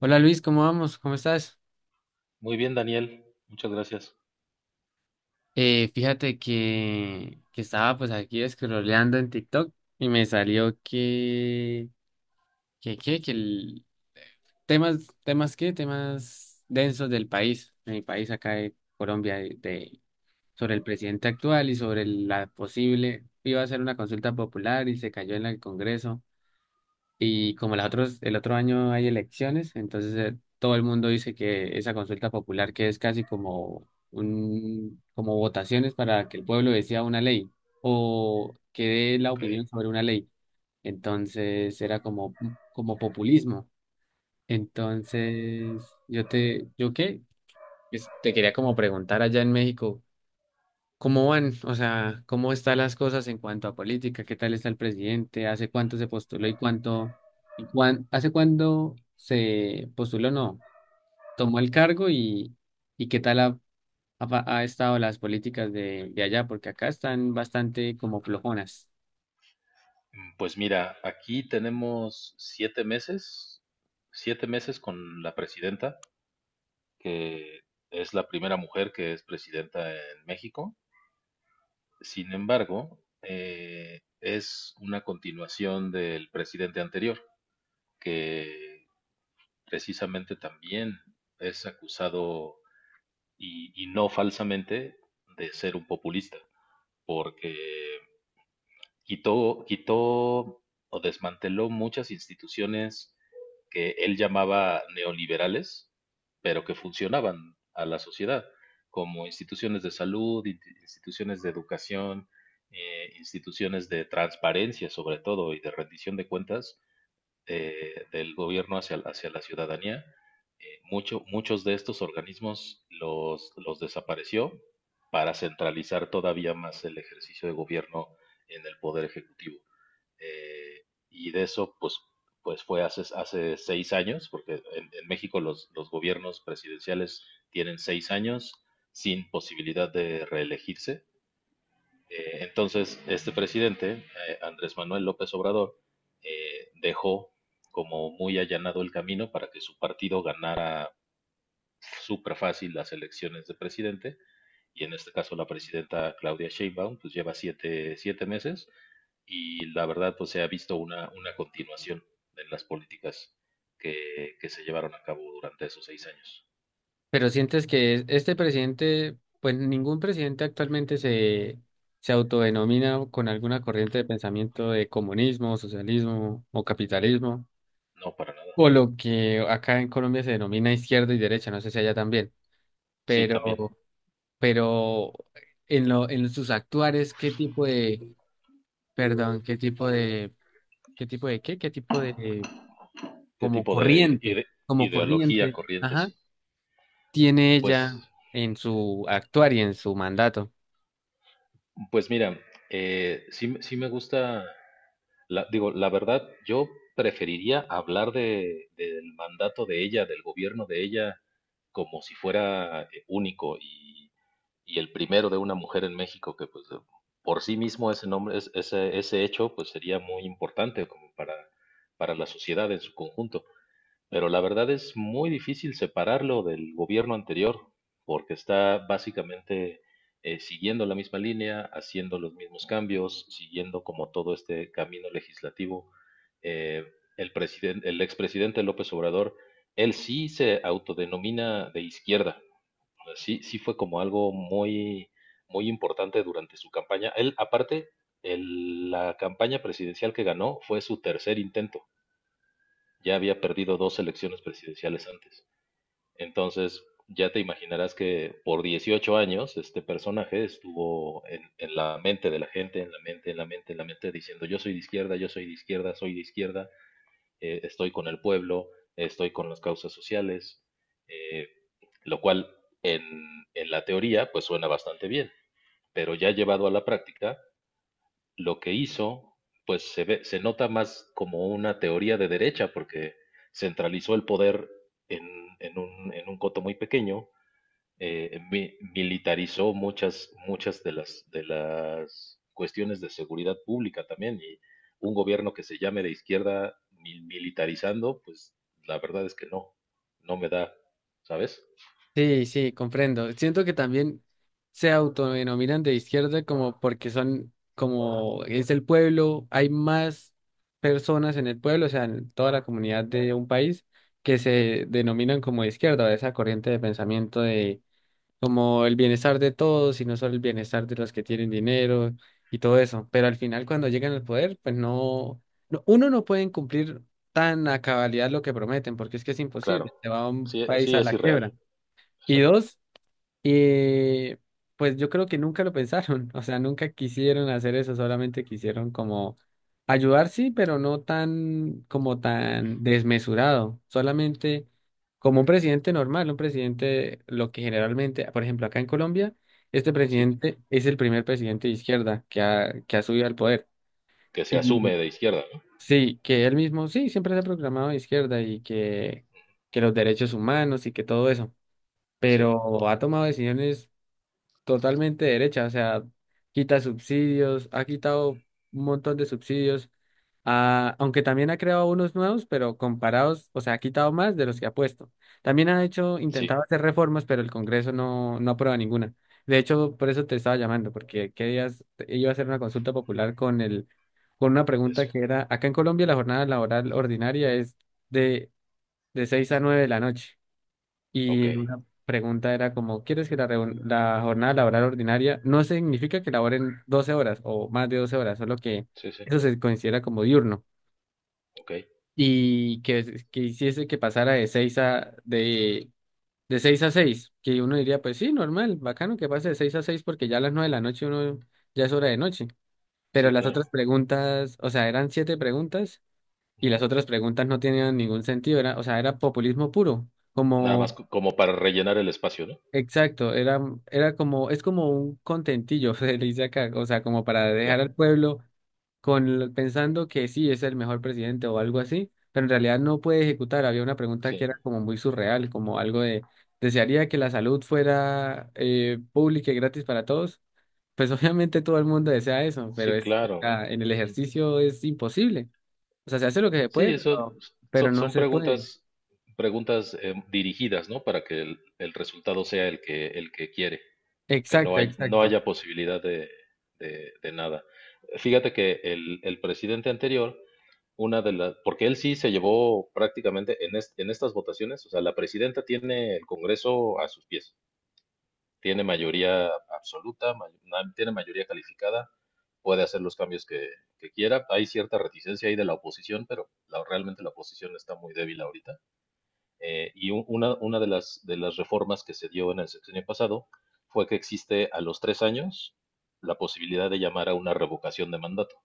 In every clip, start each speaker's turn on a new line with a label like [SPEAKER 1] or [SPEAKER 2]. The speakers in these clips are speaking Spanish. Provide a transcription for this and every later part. [SPEAKER 1] Hola Luis, ¿cómo vamos? ¿Cómo estás?
[SPEAKER 2] Muy bien, Daniel. Muchas gracias.
[SPEAKER 1] Fíjate que estaba pues aquí scrolleando en TikTok y me salió que temas densos del país, de mi país acá de Colombia, sobre el presidente actual y sobre la posible, iba a hacer una consulta popular y se cayó en el Congreso. Y como las otros, el otro año hay elecciones, entonces todo el mundo dice que esa consulta popular que es casi como como votaciones para que el pueblo decida una ley o que dé la
[SPEAKER 2] Ok,
[SPEAKER 1] opinión sobre una ley. Entonces era como, como populismo. Entonces, ¿yo qué? Pues, te quería como preguntar allá en México. ¿Cómo van? O sea, ¿cómo están las cosas en cuanto a política? ¿Qué tal está el presidente? ¿Hace cuánto se postuló y hace cuándo se postuló? No, tomó el cargo y qué tal ha estado las políticas de allá, porque acá están bastante como flojonas.
[SPEAKER 2] pues mira, aquí tenemos 7 meses, 7 meses con la presidenta, que es la primera mujer que es presidenta en México. Sin embargo, es una continuación del presidente anterior, que precisamente también es acusado, y no falsamente, de ser un populista, porque quitó o desmanteló muchas instituciones que él llamaba neoliberales, pero que funcionaban a la sociedad, como instituciones de salud, instituciones de educación, instituciones de transparencia sobre todo y de rendición de cuentas, del gobierno hacia la ciudadanía. Muchos de estos organismos los desapareció para centralizar todavía más el ejercicio de gobierno en el Poder Ejecutivo. Eh, y de eso, pues fue hace 6 años, porque en México los gobiernos presidenciales tienen 6 años sin posibilidad de reelegirse. Entonces, este presidente, Andrés Manuel López Obrador, dejó como muy allanado el camino para que su partido ganara súper fácil las elecciones de presidente, y en este caso la presidenta Claudia Sheinbaum pues lleva siete meses, y la verdad, pues se ha visto una continuación en las políticas que se llevaron a cabo durante esos 6 años.
[SPEAKER 1] Pero sientes que este presidente, pues ningún presidente actualmente se, se autodenomina con alguna corriente de pensamiento de comunismo, socialismo o capitalismo.
[SPEAKER 2] No, para nada.
[SPEAKER 1] O lo que acá en Colombia se denomina izquierda y derecha, no sé si allá también,
[SPEAKER 2] Sí, también.
[SPEAKER 1] pero, pero en lo, en sus actuares, ¿ qué tipo de, qué tipo de,
[SPEAKER 2] ¿Qué tipo de
[SPEAKER 1] como
[SPEAKER 2] ideología
[SPEAKER 1] corriente,
[SPEAKER 2] corriente?
[SPEAKER 1] ajá,
[SPEAKER 2] Sí.
[SPEAKER 1] ¿tiene
[SPEAKER 2] Pues
[SPEAKER 1] ella en su actuar y en su mandato?
[SPEAKER 2] Pues mira, sí me gusta, digo, la verdad, yo preferiría hablar del mandato de ella, del gobierno de ella, como si fuera único y el primero de una mujer en México, que pues por sí mismo ese nombre, ese hecho, pues sería muy importante como para la sociedad en su conjunto. Pero la verdad es muy difícil separarlo del gobierno anterior, porque está básicamente siguiendo la misma línea, haciendo los mismos cambios, siguiendo como todo este camino legislativo. Eh, el expresidente López Obrador, él sí se autodenomina de izquierda. O sea, sí, sí fue como algo muy, muy importante durante su campaña. Él, aparte, la campaña presidencial que ganó fue su tercer intento. Ya había perdido dos elecciones presidenciales antes. Entonces, ya te imaginarás que por 18 años este personaje estuvo en la mente de la gente, en la mente, en la mente, en la mente, diciendo yo soy de izquierda, yo soy de izquierda, estoy con el pueblo, estoy con las causas sociales, eh, lo cual en la teoría pues suena bastante bien, pero ya llevado a la práctica lo que hizo, pues se ve, se nota más como una teoría de derecha, porque centralizó el poder en, en un coto muy pequeño, militarizó muchas de las cuestiones de seguridad pública también, y un gobierno que se llame de izquierda militarizando, pues la verdad es que no, no me da, ¿sabes?
[SPEAKER 1] Sí, sí, comprendo. Siento que también se autodenominan de izquierda como porque son, como es el pueblo, hay más personas en el pueblo, o sea, en toda la comunidad de un país que se denominan como de izquierda, o esa corriente de pensamiento de como el bienestar de todos y no solo el bienestar de los que tienen dinero y todo eso. Pero al final cuando llegan al poder, pues no, uno no pueden cumplir tan a cabalidad lo que prometen, porque es que es
[SPEAKER 2] Claro,
[SPEAKER 1] imposible, se va a un
[SPEAKER 2] sí,
[SPEAKER 1] país
[SPEAKER 2] sí
[SPEAKER 1] a
[SPEAKER 2] es
[SPEAKER 1] la
[SPEAKER 2] irreal,
[SPEAKER 1] quiebra. Y
[SPEAKER 2] exactamente,
[SPEAKER 1] dos, y pues yo creo que nunca lo pensaron, o sea, nunca quisieron hacer eso, solamente quisieron como ayudar, sí, pero no tan como tan desmesurado, solamente como un presidente normal, un presidente, lo que generalmente, por ejemplo, acá en Colombia, este
[SPEAKER 2] sí,
[SPEAKER 1] presidente es el primer presidente de izquierda que ha subido al poder.
[SPEAKER 2] que se
[SPEAKER 1] Y
[SPEAKER 2] asume de izquierda, ¿no?
[SPEAKER 1] sí, que él mismo, sí, siempre se ha proclamado de izquierda y que los derechos humanos y que todo eso,
[SPEAKER 2] Sí,
[SPEAKER 1] pero ha tomado decisiones totalmente derecha, o sea, quita subsidios, ha quitado un montón de subsidios, ah, aunque también ha creado unos nuevos, pero comparados, o sea, ha quitado más de los que ha puesto. También ha hecho,
[SPEAKER 2] sí,
[SPEAKER 1] intentado hacer reformas, pero el Congreso no, no aprueba ninguna. De hecho, por eso te estaba llamando, porque qué días, iba a hacer una consulta popular con el, con una pregunta
[SPEAKER 2] eso,
[SPEAKER 1] que era, acá en Colombia la jornada laboral ordinaria es de, de 6 a 9 de la noche.
[SPEAKER 2] ok.
[SPEAKER 1] Y una pregunta era como, ¿quieres que la jornada laboral ordinaria no significa que laboren 12 horas o más de 12 horas, solo que
[SPEAKER 2] Sí, sí,
[SPEAKER 1] eso se considera como diurno
[SPEAKER 2] ok.
[SPEAKER 1] y que hiciese que pasara de 6 de 6 a seis? Que uno diría, pues sí, normal,
[SPEAKER 2] Ujú.
[SPEAKER 1] bacano que pase de 6 a 6 porque ya a las 9 de la noche uno ya es hora de noche. Pero
[SPEAKER 2] Sí,
[SPEAKER 1] las
[SPEAKER 2] claro.
[SPEAKER 1] otras preguntas, o sea, eran 7 preguntas y las
[SPEAKER 2] Ujú.
[SPEAKER 1] otras preguntas no tenían ningún sentido, era, o sea, era populismo puro.
[SPEAKER 2] Nada más
[SPEAKER 1] Como
[SPEAKER 2] como para rellenar el espacio, ¿no?
[SPEAKER 1] exacto, era, era como, es como un contentillo, se le dice acá, o sea, como para dejar
[SPEAKER 2] Ya,
[SPEAKER 1] al pueblo pensando que sí es el mejor presidente o algo así, pero en realidad no puede ejecutar. Había una pregunta
[SPEAKER 2] sí,
[SPEAKER 1] que era como muy surreal, como algo de, ¿desearía que la salud fuera pública y gratis para todos? Pues obviamente todo el mundo desea eso, pero
[SPEAKER 2] sí,
[SPEAKER 1] es, o
[SPEAKER 2] claro.
[SPEAKER 1] sea, en el
[SPEAKER 2] Ujú.
[SPEAKER 1] ejercicio es imposible. O sea, se hace lo que se
[SPEAKER 2] Sí,
[SPEAKER 1] puede,
[SPEAKER 2] eso
[SPEAKER 1] pero no
[SPEAKER 2] son
[SPEAKER 1] se puede.
[SPEAKER 2] preguntas dirigidas, ¿no? Para que el resultado sea el que quiere, que
[SPEAKER 1] Exacto,
[SPEAKER 2] no
[SPEAKER 1] exacto.
[SPEAKER 2] haya posibilidad de nada. Fíjate que el presidente anterior, porque él sí se llevó prácticamente en estas votaciones, o sea, la presidenta tiene el Congreso a sus pies. Tiene mayoría absoluta, tiene mayoría calificada, puede hacer los cambios que quiera. Hay cierta reticencia ahí de la oposición, pero realmente la oposición está muy débil ahorita. Y una de las reformas que se dio en el sexenio pasado fue que existe a los 3 años la posibilidad de llamar a una revocación de mandato,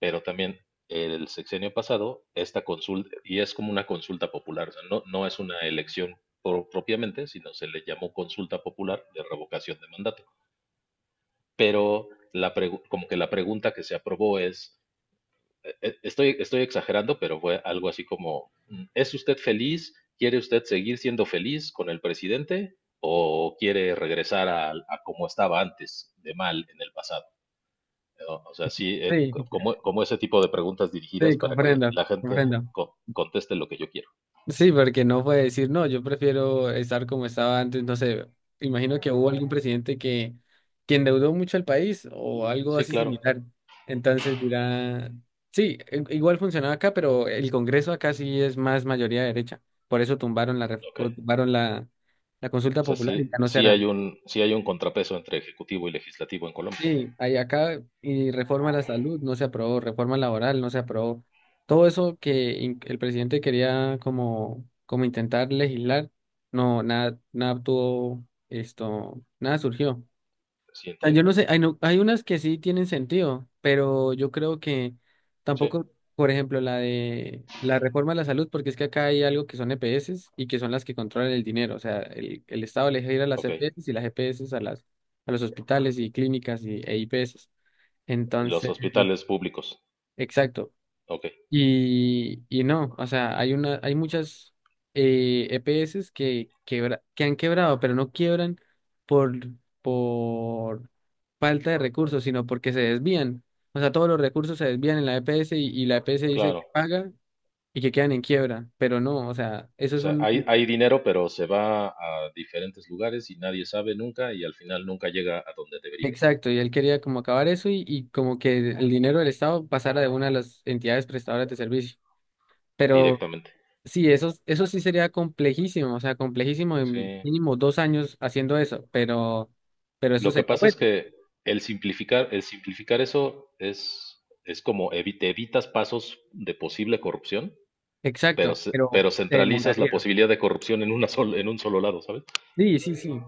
[SPEAKER 2] pero también el sexenio pasado, esta consulta, y es como una consulta popular, o sea, no, no es una elección propiamente, sino se le llamó consulta popular de revocación de mandato. Pero la como que la pregunta que se aprobó es, estoy exagerando, pero fue algo así como, ¿es usted feliz? ¿Quiere usted seguir siendo feliz con el presidente o quiere regresar a como estaba antes, de mal en el pasado? ¿No? O sea, sí, eh,
[SPEAKER 1] Sí,
[SPEAKER 2] co- como, como ese tipo de preguntas dirigidas
[SPEAKER 1] sí,
[SPEAKER 2] para que
[SPEAKER 1] comprendo,
[SPEAKER 2] la gente
[SPEAKER 1] comprendo.
[SPEAKER 2] conteste lo que yo quiero.
[SPEAKER 1] Sí, porque no puede decir, no, yo prefiero estar como estaba antes, no sé, imagino que hubo algún presidente que endeudó mucho al país o algo
[SPEAKER 2] Sí,
[SPEAKER 1] así
[SPEAKER 2] claro.
[SPEAKER 1] similar. Entonces dirá, sí, igual funcionaba acá, pero el Congreso acá sí es más mayoría derecha. Por eso tumbaron
[SPEAKER 2] Ok.
[SPEAKER 1] tumbaron la, la
[SPEAKER 2] O
[SPEAKER 1] consulta
[SPEAKER 2] sea,
[SPEAKER 1] popular y ya
[SPEAKER 2] sí,
[SPEAKER 1] no se hará.
[SPEAKER 2] sí hay un contrapeso entre ejecutivo y legislativo en Colombia.
[SPEAKER 1] Sí, hay acá y reforma a la salud no se aprobó, reforma laboral no se aprobó. Todo eso que el presidente quería como, como intentar legislar, no, nada, nada tuvo esto, nada surgió,
[SPEAKER 2] Sí,
[SPEAKER 1] sea, yo
[SPEAKER 2] entiendo.
[SPEAKER 1] no sé, hay, hay unas que sí tienen sentido, pero yo creo que
[SPEAKER 2] Sí,
[SPEAKER 1] tampoco, por ejemplo, la de la reforma de la salud, porque es que acá hay algo que son EPS y que son las que controlan el dinero. O sea, el Estado le deja ir a las
[SPEAKER 2] ok.
[SPEAKER 1] EPS y las EPS a las, a los hospitales y clínicas y, e IPS.
[SPEAKER 2] Los
[SPEAKER 1] Entonces,
[SPEAKER 2] hospitales públicos.
[SPEAKER 1] exacto.
[SPEAKER 2] Ok,
[SPEAKER 1] Y no, o sea, hay una, hay muchas EPS que, que han quebrado, pero no quiebran por, por falta de recursos, sino porque se desvían. O sea, todos los recursos se desvían en la EPS y la EPS dice que
[SPEAKER 2] claro.
[SPEAKER 1] paga y que quedan en quiebra, pero no, o sea, eso
[SPEAKER 2] O
[SPEAKER 1] es
[SPEAKER 2] sea, hay,
[SPEAKER 1] un...
[SPEAKER 2] hay dinero, pero se va a diferentes lugares y nadie sabe nunca y al final nunca llega a donde debería, ¿no?
[SPEAKER 1] Exacto, y él quería como acabar eso y como que el dinero del Estado pasara de una de las entidades prestadoras de servicio. Pero...
[SPEAKER 2] Directamente.
[SPEAKER 1] Sí, eso sí sería complejísimo, o sea, complejísimo en
[SPEAKER 2] Sí.
[SPEAKER 1] mínimo 2 años haciendo eso, pero eso
[SPEAKER 2] Lo que
[SPEAKER 1] sería
[SPEAKER 2] pasa
[SPEAKER 1] bueno,
[SPEAKER 2] es que el simplificar eso es como te evitas pasos de posible corrupción,
[SPEAKER 1] exacto, pero
[SPEAKER 2] pero
[SPEAKER 1] se
[SPEAKER 2] centralizas la
[SPEAKER 1] demoraría.
[SPEAKER 2] posibilidad de corrupción en un solo lado, ¿sabes?
[SPEAKER 1] Sí, sí, sí.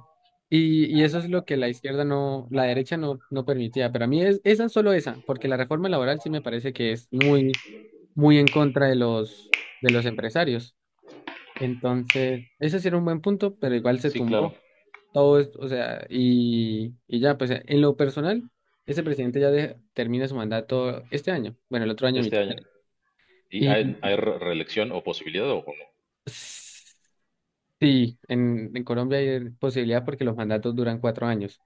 [SPEAKER 1] Y eso es lo que la izquierda no, la derecha no, no permitía, pero a mí es esa solo esa, porque la reforma laboral sí me parece que es muy, muy en contra de los empresarios. Entonces, ese sí era un buen punto, pero igual se
[SPEAKER 2] Sí, claro,
[SPEAKER 1] tumbó. Todo o sea, y ya, pues en lo personal, ese presidente ya termina su mandato este año, bueno, el otro año
[SPEAKER 2] este
[SPEAKER 1] mitad.
[SPEAKER 2] año. ¿Y
[SPEAKER 1] Y
[SPEAKER 2] hay reelección o posibilidad o no?
[SPEAKER 1] sí, en Colombia hay posibilidad porque los mandatos duran 4 años.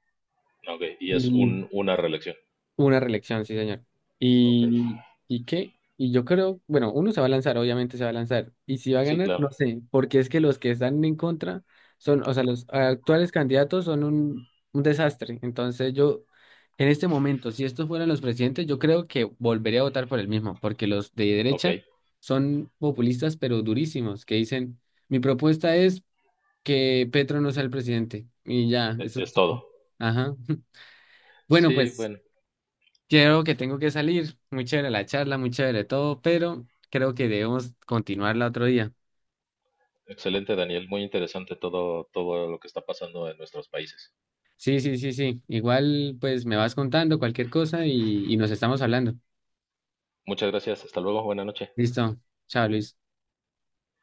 [SPEAKER 2] Ok, y es una reelección.
[SPEAKER 1] Una reelección, sí, señor.
[SPEAKER 2] Ok.
[SPEAKER 1] ¿Y, y qué? Y yo creo, bueno, uno se va a lanzar, obviamente se va a lanzar. Y si va a
[SPEAKER 2] Sí,
[SPEAKER 1] ganar,
[SPEAKER 2] claro.
[SPEAKER 1] no sé, porque es que los que están en contra son, o sea, los actuales candidatos son un desastre. Entonces yo, en este momento, si estos fueran los presidentes, yo creo que volvería a votar por el mismo, porque los de
[SPEAKER 2] Ok,
[SPEAKER 1] derecha son populistas, pero durísimos, que dicen, mi propuesta es que Petro no sea el presidente. Y ya, eso es
[SPEAKER 2] es todo.
[SPEAKER 1] todo". Ajá. Bueno,
[SPEAKER 2] Sí,
[SPEAKER 1] pues.
[SPEAKER 2] bueno,
[SPEAKER 1] Creo que tengo que salir. Muy chévere la charla, muy chévere todo, pero creo que debemos continuarla otro día.
[SPEAKER 2] excelente, Daniel. Muy interesante todo, todo lo que está pasando en nuestros países.
[SPEAKER 1] Sí, sí, sí, sí. Igual, pues me vas contando cualquier cosa y nos estamos hablando.
[SPEAKER 2] Muchas gracias. Hasta luego. Buena noche.
[SPEAKER 1] Listo. Chao, Luis.